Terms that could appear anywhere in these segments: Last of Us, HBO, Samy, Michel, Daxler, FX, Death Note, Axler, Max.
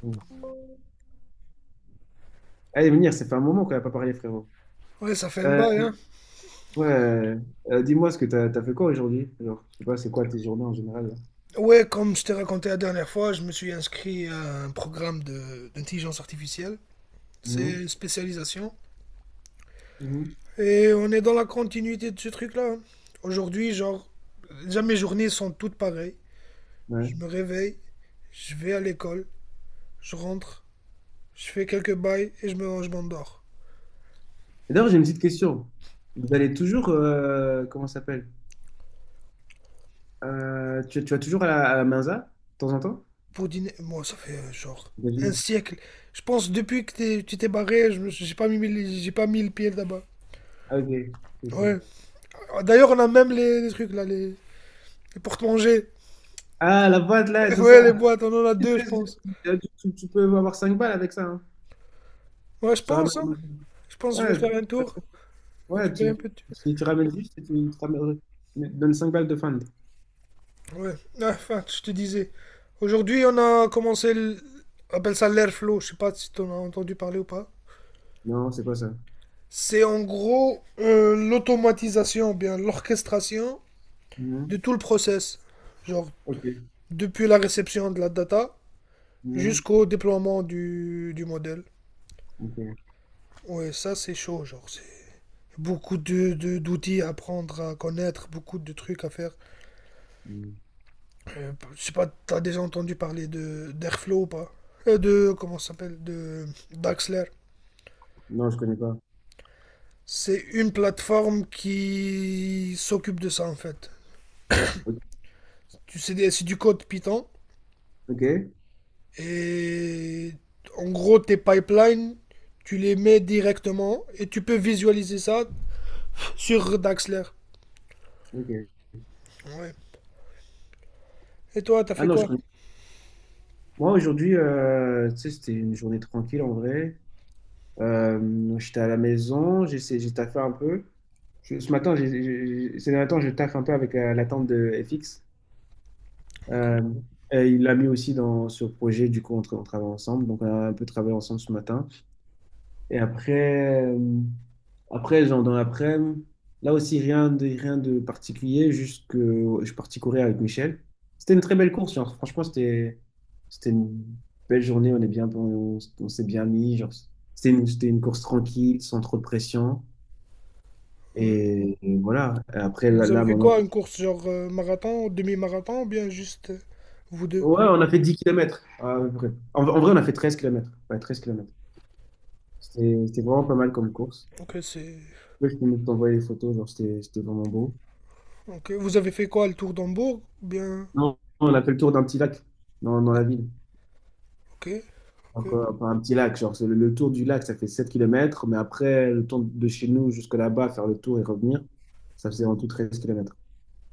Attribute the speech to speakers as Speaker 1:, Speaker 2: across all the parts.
Speaker 1: Mm. Allez, venir, ça fait un moment qu'on n'a pas parlé, frérot.
Speaker 2: Ouais, ça fait un
Speaker 1: Euh,
Speaker 2: bail, hein.
Speaker 1: ouais, euh, dis-moi ce que t'as fait quoi aujourd'hui? Genre, je sais pas, c'est quoi tes journées en général, là?
Speaker 2: Ouais, comme je t'ai raconté la dernière fois, je me suis inscrit à un programme d'intelligence artificielle. C'est
Speaker 1: Mhm,
Speaker 2: une spécialisation.
Speaker 1: mhm,
Speaker 2: Et on est dans la continuité de ce truc-là, hein. Aujourd'hui, genre, déjà mes journées sont toutes pareilles. Je
Speaker 1: ouais.
Speaker 2: me réveille, je vais à l'école, je rentre, je fais quelques bails et je m'endors.
Speaker 1: Et d'ailleurs, j'ai une petite question. Vous allez toujours, comment ça s'appelle? Tu vas toujours à à la Mensa, de temps en temps?
Speaker 2: Pour dîner, moi, ça fait genre un
Speaker 1: Devine.
Speaker 2: siècle. Je pense depuis que tu t'es barré, j'ai pas mis, j'ai pas mis le pied là-bas.
Speaker 1: Ah, ok. Putain.
Speaker 2: Ouais. D'ailleurs, on a même les trucs là, les porte-manger.
Speaker 1: Ah, la boîte, là, et tout
Speaker 2: Ouais,
Speaker 1: ça.
Speaker 2: les boîtes, on en a deux, je pense.
Speaker 1: Tu peux avoir 5 balles avec ça, hein.
Speaker 2: Ouais, je
Speaker 1: Tu
Speaker 2: pense, hein.
Speaker 1: ramènes-
Speaker 2: Je pense que je vais
Speaker 1: Ouais, je-
Speaker 2: faire un tour,
Speaker 1: ouais,
Speaker 2: récupérer un peu de.
Speaker 1: tu ramènes juste et tu ramènes- tu donnes 5 balles de fund.
Speaker 2: Ouais, ah, enfin, je te disais. Aujourd'hui, on a commencé. On appelle ça l'airflow, je sais pas si tu en as entendu parler ou pas.
Speaker 1: Non, c'est quoi ça?
Speaker 2: C'est en gros l'automatisation, ou bien l'orchestration de
Speaker 1: Mhm.
Speaker 2: tout le process. Genre,
Speaker 1: Ok.
Speaker 2: depuis la réception de la data
Speaker 1: Mhm.
Speaker 2: jusqu'au déploiement du modèle.
Speaker 1: Ok.
Speaker 2: Ouais, ça c'est chaud, genre, c'est beaucoup d'outils à apprendre, à connaître, beaucoup de trucs à faire.
Speaker 1: Mhm.
Speaker 2: Je sais pas, t'as déjà entendu parler de d'Airflow ou pas? Comment ça s'appelle? De d'Axler.
Speaker 1: Non, je connais pas.
Speaker 2: C'est une plateforme qui s'occupe de ça en fait.
Speaker 1: Ok.
Speaker 2: Tu sais, c'est du code Python
Speaker 1: Ok.
Speaker 2: et en gros tes pipelines, tu les mets directement et tu peux visualiser ça sur Daxler.
Speaker 1: Ok.
Speaker 2: Ouais. Et toi, t'as
Speaker 1: Ah
Speaker 2: fait
Speaker 1: non, je
Speaker 2: quoi?
Speaker 1: connais. Moi, aujourd'hui, tu sais, c'était une journée tranquille en vrai. J'étais à la maison, j'ai essayé- j'ai taffé un peu. Je- ce matin, j'ai- ces derniers temps, je taffe un peu avec la tante de FX.
Speaker 2: Ok.
Speaker 1: Euh, et il l'a mis aussi dans ce projet, du coup, on, tra- on travaille ensemble. Donc, on a un peu travaillé ensemble ce matin. Et après, après genre dans l'après-midi, là aussi rien de, rien de particulier, juste que ouais, je suis parti courir avec Michel. C'était une très belle course, genre franchement, c'était une belle journée, on est bien, on s'est bien mis, genre c'était une course tranquille, sans trop de pression.
Speaker 2: Ouais.
Speaker 1: Et voilà, et après là,
Speaker 2: Vous avez
Speaker 1: là,
Speaker 2: fait
Speaker 1: maintenant.
Speaker 2: quoi? Une course genre marathon, demi-marathon ou bien juste vous deux?
Speaker 1: Ouais, on a fait 10 kilomètres à peu près. En vrai, on a fait 13 kilomètres. Ouais, 13 kilomètres. C'était vraiment pas mal comme course.
Speaker 2: Ok, c'est.
Speaker 1: Ouais, je peux même t'envoyer les photos, genre c'était vraiment beau.
Speaker 2: Ok, vous avez fait quoi, le tour d'Hambourg? Bien.
Speaker 1: Non, on a fait le tour d'un petit lac dans la ville.
Speaker 2: Ok, ok,
Speaker 1: Encore, enfin, un petit lac, genre c'est le tour du lac, ça fait 7 kilomètres. Mais après le tour de chez nous jusque là-bas, faire le tour et revenir, ça faisait en tout 13 kilomètres.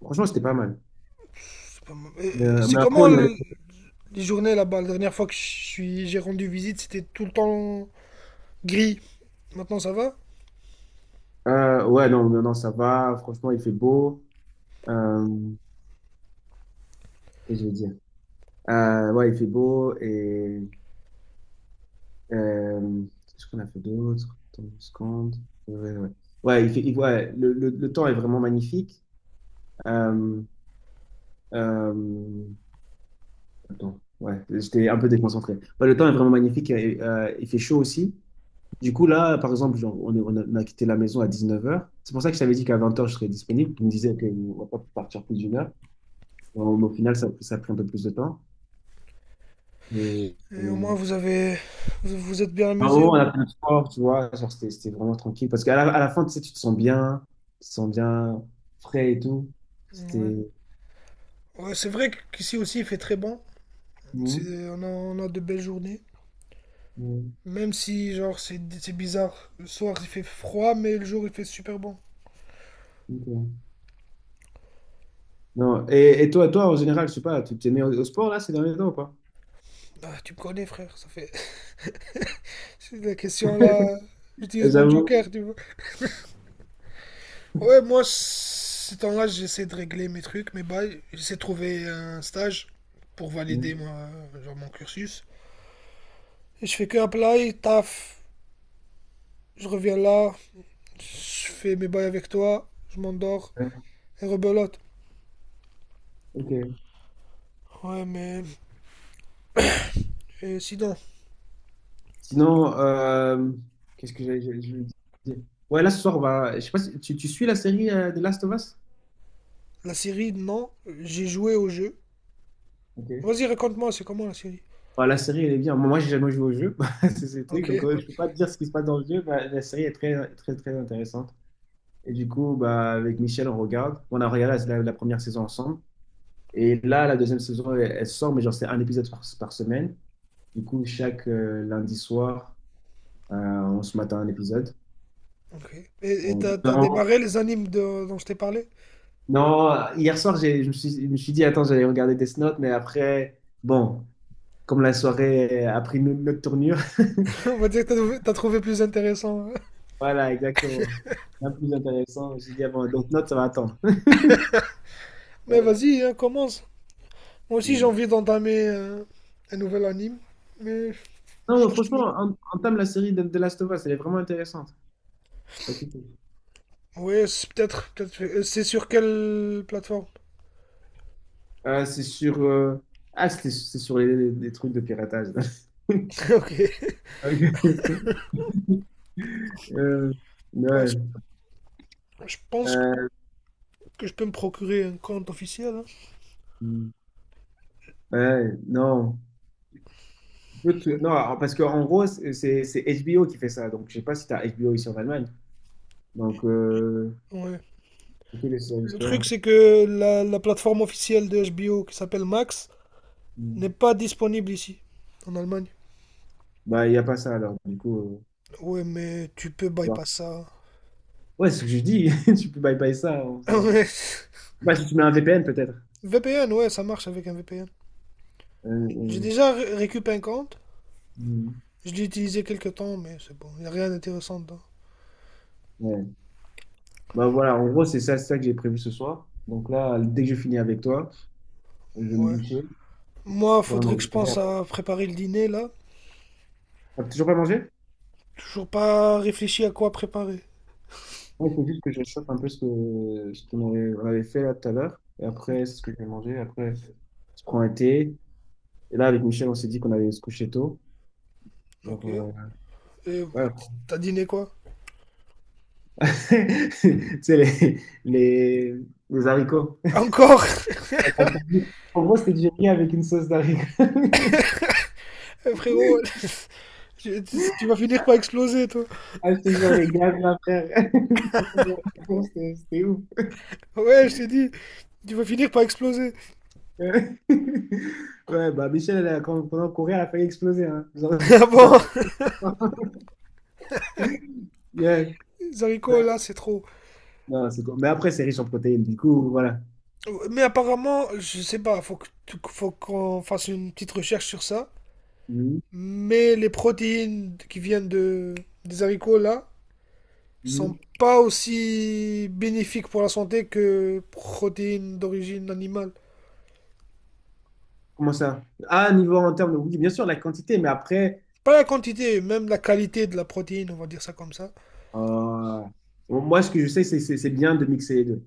Speaker 1: Franchement, c'était pas mal.
Speaker 2: c'est pas mal. Et c'est
Speaker 1: Mais après,
Speaker 2: comment
Speaker 1: on y allait.
Speaker 2: les journées là-bas? La dernière fois que j'ai rendu visite, c'était tout le temps gris. Maintenant, ça va?
Speaker 1: Ouais, non, ça va. Franchement, il fait beau. Euh, qu'est-ce que je veux dire? Ouais, il fait beau et qu'est-ce qu'on a fait d'autre? Attends une seconde. Ouais, ouais. Ouais, Ouais, ouais, le temps est vraiment magnifique. Euh, euh, Attends, ouais, j'étais un peu déconcentré. Ouais, le temps est vraiment magnifique. Et, il fait chaud aussi. Du coup, là, par exemple, genre, on, est- on a quitté la maison à 19h. C'est pour ça que je t'avais dit qu'à 20h, je serais disponible. Tu me disais qu'on va pas partir plus d'une heure. Bon, mais au final, ça a pris un peu plus de temps.
Speaker 2: Et au
Speaker 1: Et-
Speaker 2: moins, vous vous êtes bien
Speaker 1: Ah
Speaker 2: amusé
Speaker 1: bon,
Speaker 2: au
Speaker 1: on
Speaker 2: moins.
Speaker 1: a fait le sport, tu vois. Genre, c'était vraiment tranquille. Parce qu'à à la fin, tu sais, tu te sens bien. Tu te sens bien frais et tout.
Speaker 2: Ouais.
Speaker 1: C'était.
Speaker 2: Ouais, c'est vrai qu'ici aussi, il fait très bon. C'est,
Speaker 1: Mhm.
Speaker 2: on a de belles journées.
Speaker 1: Mhm.
Speaker 2: Même si, genre, c'est bizarre. Le soir, il fait froid, mais le jour, il fait super bon.
Speaker 1: Ok. Non. Et toi, toi, en général, je sais pas, tu t'es mis au sport là ces derniers temps ou pas?
Speaker 2: Ah, tu me connais, frère. C'est la question là.
Speaker 1: Et
Speaker 2: J'utilise mon
Speaker 1: j'avoue.
Speaker 2: joker, tu vois. Ouais, moi, ce temps-là, j'essaie de régler mes trucs, mes bails. J'essaie de trouver un stage pour valider
Speaker 1: Mm.
Speaker 2: moi, genre mon cursus. Et je fais que apply, taf, je reviens là, je fais mes bails avec toi, je m'endors
Speaker 1: Ouais,
Speaker 2: et rebelote.
Speaker 1: ok.
Speaker 2: Ouais, mais et sinon,
Speaker 1: Sinon, qu'est-ce que je voulais dire? Ouais, là ce soir, on va. Je sais pas si tu suis la série de Last of Us?
Speaker 2: la série, non, j'ai joué au jeu.
Speaker 1: Ok.
Speaker 2: Vas-y, raconte-moi, c'est comment la série?
Speaker 1: Bah, la série, elle est bien. Moi, j'ai jamais joué au jeu. C'est ce truc.
Speaker 2: Ok,
Speaker 1: Donc, je peux pas te dire ce qui se passe dans le jeu. Mais la série est très, très, très intéressante. Et du coup, bah, avec Michel, on regarde. On a regardé la première saison ensemble. Et là, la deuxième saison, elle sort, mais genre, c'est un épisode par semaine. Du coup, chaque lundi soir, on se mate à un épisode.
Speaker 2: ok. Et t'as
Speaker 1: On,
Speaker 2: démarré les animes dont je t'ai parlé?
Speaker 1: non, hier soir, j'ai- je me suis dit, attends, j'allais regarder Death Note, mais après, bon, comme la soirée a pris une autre tournure,
Speaker 2: On va dire que t'as trouvé plus intéressant.
Speaker 1: voilà, exactement. Bien plus intéressant, je me suis dit, ah bon, Death Note, ça va attendre.
Speaker 2: Mais vas-y, hein, commence. Moi aussi, j'ai envie d'entamer un nouvel anime, mais je
Speaker 1: Non,
Speaker 2: cherche
Speaker 1: franchement,
Speaker 2: toujours.
Speaker 1: en- entame la série de Last of Us, elle est vraiment intéressante.
Speaker 2: Ouais, c'est peut-être, peut-être. C'est sur quelle plateforme?
Speaker 1: C'est sur ah, c'était- c'est sur les trucs de piratage.
Speaker 2: Ok.
Speaker 1: Ok. Euh,
Speaker 2: Ouais,
Speaker 1: ouais,
Speaker 2: je pense
Speaker 1: euh,
Speaker 2: que je peux me procurer un compte officiel.
Speaker 1: ouais, non. Écoute, non, alors, parce qu'en gros, c'est HBO qui fait ça. Donc, je sais pas si tu as HBO ici en Allemagne. Donc,
Speaker 2: Hein. Ouais.
Speaker 1: c'est que les services
Speaker 2: Le truc,
Speaker 1: payants.
Speaker 2: c'est que la plateforme officielle de HBO qui s'appelle Max
Speaker 1: Mm.
Speaker 2: n'est pas disponible ici, en Allemagne.
Speaker 1: Bah, il n'y a pas ça alors. Du coup,
Speaker 2: Ouais, mais tu peux
Speaker 1: tu vois.
Speaker 2: bypass ça.
Speaker 1: Ouais, c'est ce que je dis. Tu peux bye-bye ça. On s'en-
Speaker 2: Ouais.
Speaker 1: Bah, si tu mets un VPN, peut-être.
Speaker 2: VPN, ouais, ça marche avec un VPN.
Speaker 1: Euh,
Speaker 2: J'ai
Speaker 1: euh,
Speaker 2: déjà récupéré un compte.
Speaker 1: mm.
Speaker 2: Je l'ai utilisé quelques temps, mais c'est bon. Il n'y a rien d'intéressant dedans.
Speaker 1: Ouais. Bah, voilà, en gros, c'est ça que j'ai prévu ce soir. Donc là, dès que je finis avec toi, je vais me
Speaker 2: Ouais.
Speaker 1: doucher
Speaker 2: Moi,
Speaker 1: pour me
Speaker 2: faudrait que je
Speaker 1: récupérer.
Speaker 2: pense à préparer le dîner là.
Speaker 1: T'as toujours pas mangé?
Speaker 2: Toujours pas réfléchi à quoi préparer.
Speaker 1: Il faut juste que je chauffe un peu ce qu'on aurait- on avait fait là tout à l'heure. Et après, c'est ce que je vais manger. Après, je prends un thé. Et là, avec Michel, on s'est dit qu'on allait se coucher tôt. Alors,
Speaker 2: Ok. Et
Speaker 1: ouais.
Speaker 2: t'as dîné quoi?
Speaker 1: Tu sais, les, les haricots.
Speaker 2: Encore?
Speaker 1: Enfin, ça dit- en gros, c'était du riz avec une sauce d'haricots.
Speaker 2: Eh, frérot, tu vas finir par exploser toi.
Speaker 1: Ah, je te jure, les gars, là, frère. Ils sont trop bons. C'était ouf.
Speaker 2: Ouais, je t'ai dit. Tu vas finir par exploser.
Speaker 1: Ouais, bah, Michel, elle a, quand, pendant qu'on courait, elle a failli exploser. Hein. Genre,
Speaker 2: Ah
Speaker 1: ça-
Speaker 2: bon?
Speaker 1: Yeah.
Speaker 2: Les haricots là, c'est trop.
Speaker 1: Non, c'est cool. Mais après, c'est riche en protéines, du coup, voilà.
Speaker 2: Mais apparemment, je sais pas, faut qu'on fasse une petite recherche sur ça.
Speaker 1: Mhm.
Speaker 2: Mais les protéines qui viennent des haricots là, sont
Speaker 1: Mhm.
Speaker 2: pas aussi bénéfiques pour la santé que protéines d'origine animale.
Speaker 1: Comment ça? Ah, niveau en termes de... Oui, bien sûr, la quantité, mais après,
Speaker 2: Pas la quantité, même la qualité de la protéine, on va dire ça comme ça.
Speaker 1: euh, bon, moi, ce que je sais, c'est bien de mixer les deux.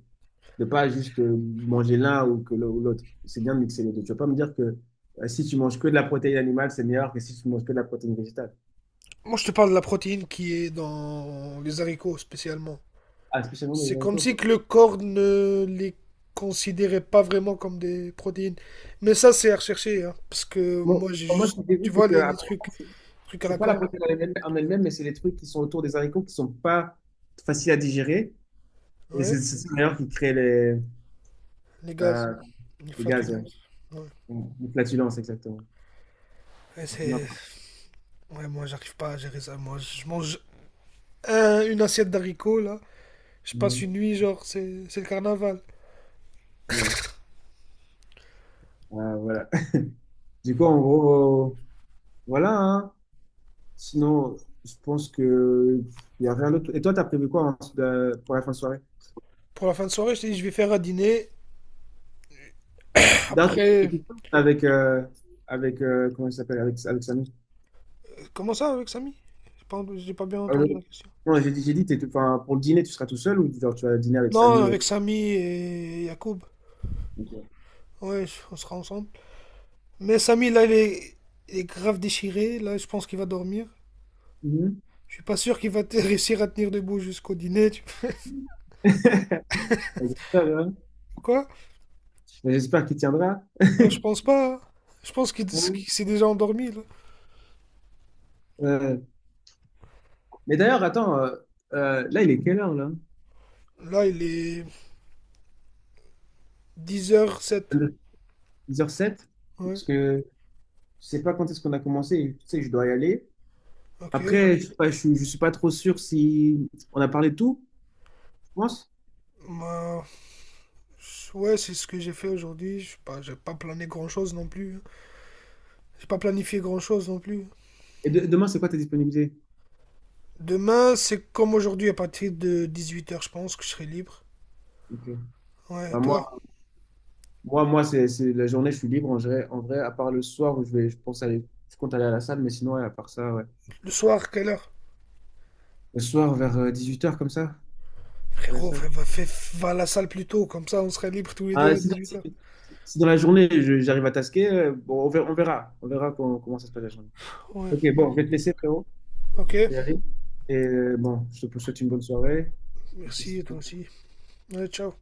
Speaker 1: De pas juste manger l'un ou que le- ou l'autre. C'est bien de mixer les deux. Tu vas pas me dire que si tu manges que de la protéine animale, c'est meilleur que si tu manges que de la protéine végétale.
Speaker 2: Moi, je te parle de la protéine qui est dans les haricots spécialement.
Speaker 1: Ah, spécialement les
Speaker 2: C'est comme
Speaker 1: haricots.
Speaker 2: si que le corps ne les considérait pas vraiment comme des protéines. Mais ça, c'est à rechercher, hein, parce que
Speaker 1: Bon,
Speaker 2: moi, j'ai
Speaker 1: moi, ce
Speaker 2: juste,
Speaker 1: que j'ai
Speaker 2: tu
Speaker 1: vu, c'est
Speaker 2: vois,
Speaker 1: que
Speaker 2: les
Speaker 1: après,
Speaker 2: trucs,
Speaker 1: c'est
Speaker 2: trucs à la
Speaker 1: c'est pas la
Speaker 2: con,
Speaker 1: protéine en elle-même, mais c'est les trucs qui sont autour des haricots qui sont pas faciles à digérer. Et
Speaker 2: ouais,
Speaker 1: c'est ça, d'ailleurs qui crée les,
Speaker 2: les gaz,
Speaker 1: euh,
Speaker 2: les
Speaker 1: le gaz, ouais.
Speaker 2: flatulences, ouais.
Speaker 1: Une flatulence, exactement.
Speaker 2: Et
Speaker 1: Non,
Speaker 2: ouais, moi, j'arrive pas à gérer ça. Moi, je mange une assiette d'haricots, là. Je passe
Speaker 1: non,
Speaker 2: une nuit, genre, c'est le carnaval.
Speaker 1: non. Voilà. Du coup, en gros, voilà, hein. Sinon, je pense que il y a rien d'autre. Et toi, t'as prévu quoi en- de- pour la fin de soirée?
Speaker 2: Pour la fin de soirée, je t'ai dit je vais faire un dîner.
Speaker 1: D'un truc
Speaker 2: Après,
Speaker 1: avec avec comment il s'appelle avec Samy.
Speaker 2: comment ça avec Samy? J'ai pas bien
Speaker 1: Ah,
Speaker 2: entendu la
Speaker 1: non,
Speaker 2: question.
Speaker 1: non, j'ai dit t'es tout- enfin pour le dîner, tu seras tout seul ou genre tu vas dîner avec
Speaker 2: Non,
Speaker 1: Samy et...
Speaker 2: avec Samy et Yacoub.
Speaker 1: Ok.
Speaker 2: Ouais, on sera ensemble. Mais Samy, là, il est grave déchiré. Là, je pense qu'il va dormir.
Speaker 1: Mhm.
Speaker 2: Je suis pas sûr qu'il va réussir à tenir debout jusqu'au dîner. Tu.
Speaker 1: J'espère hein.
Speaker 2: Quoi?
Speaker 1: Mais j'espère qu'il tiendra.
Speaker 2: Je pense pas, hein. Je pense qu'il
Speaker 1: Ouais.
Speaker 2: qu'il s'est déjà endormi, là.
Speaker 1: Euh, mais d'ailleurs, attends, là, il est quelle heure là?
Speaker 2: Là, il est 10h07.
Speaker 1: 10h07,
Speaker 2: Ouais,
Speaker 1: parce que je sais pas quand est-ce qu'on a commencé, et, tu sais, je dois y aller.
Speaker 2: ok.
Speaker 1: Après, je sais pas, je suis pas trop sûr si on a parlé de tout, je pense.
Speaker 2: Bah, ouais, c'est ce que j'ai fait aujourd'hui. Je sais pas, j'ai pas plané grand chose non plus. J'ai pas planifié grand chose non plus.
Speaker 1: Et de- demain, c'est quoi ta disponibilité?
Speaker 2: Demain, c'est comme aujourd'hui, à partir de 18h, je pense que je serai libre.
Speaker 1: Ok.
Speaker 2: Ouais, et
Speaker 1: Bah,
Speaker 2: toi,
Speaker 1: moi c'est la journée, je suis libre en vrai, à part le soir où je vais, je pense aller, je compte aller à la salle, mais sinon, ouais, à part ça, ouais.
Speaker 2: le soir, quelle heure?
Speaker 1: Le soir, vers 18h, comme ça, à la
Speaker 2: Frérot,
Speaker 1: salle.
Speaker 2: va à la salle plus tôt, comme ça on sera libre tous les deux
Speaker 1: Ah,
Speaker 2: à
Speaker 1: si, dans si-
Speaker 2: 18h.
Speaker 1: si dans la journée, je- j'arrive à tasquer, bon, on verra comment ça se passe la journée.
Speaker 2: Ouais,
Speaker 1: Ok, bon, je vais te laisser, frérot.
Speaker 2: ok.
Speaker 1: Y aller. Et bon, je te souhaite une bonne soirée. Et je te
Speaker 2: Merci, et toi
Speaker 1: souhaite
Speaker 2: aussi. Ouais, ciao.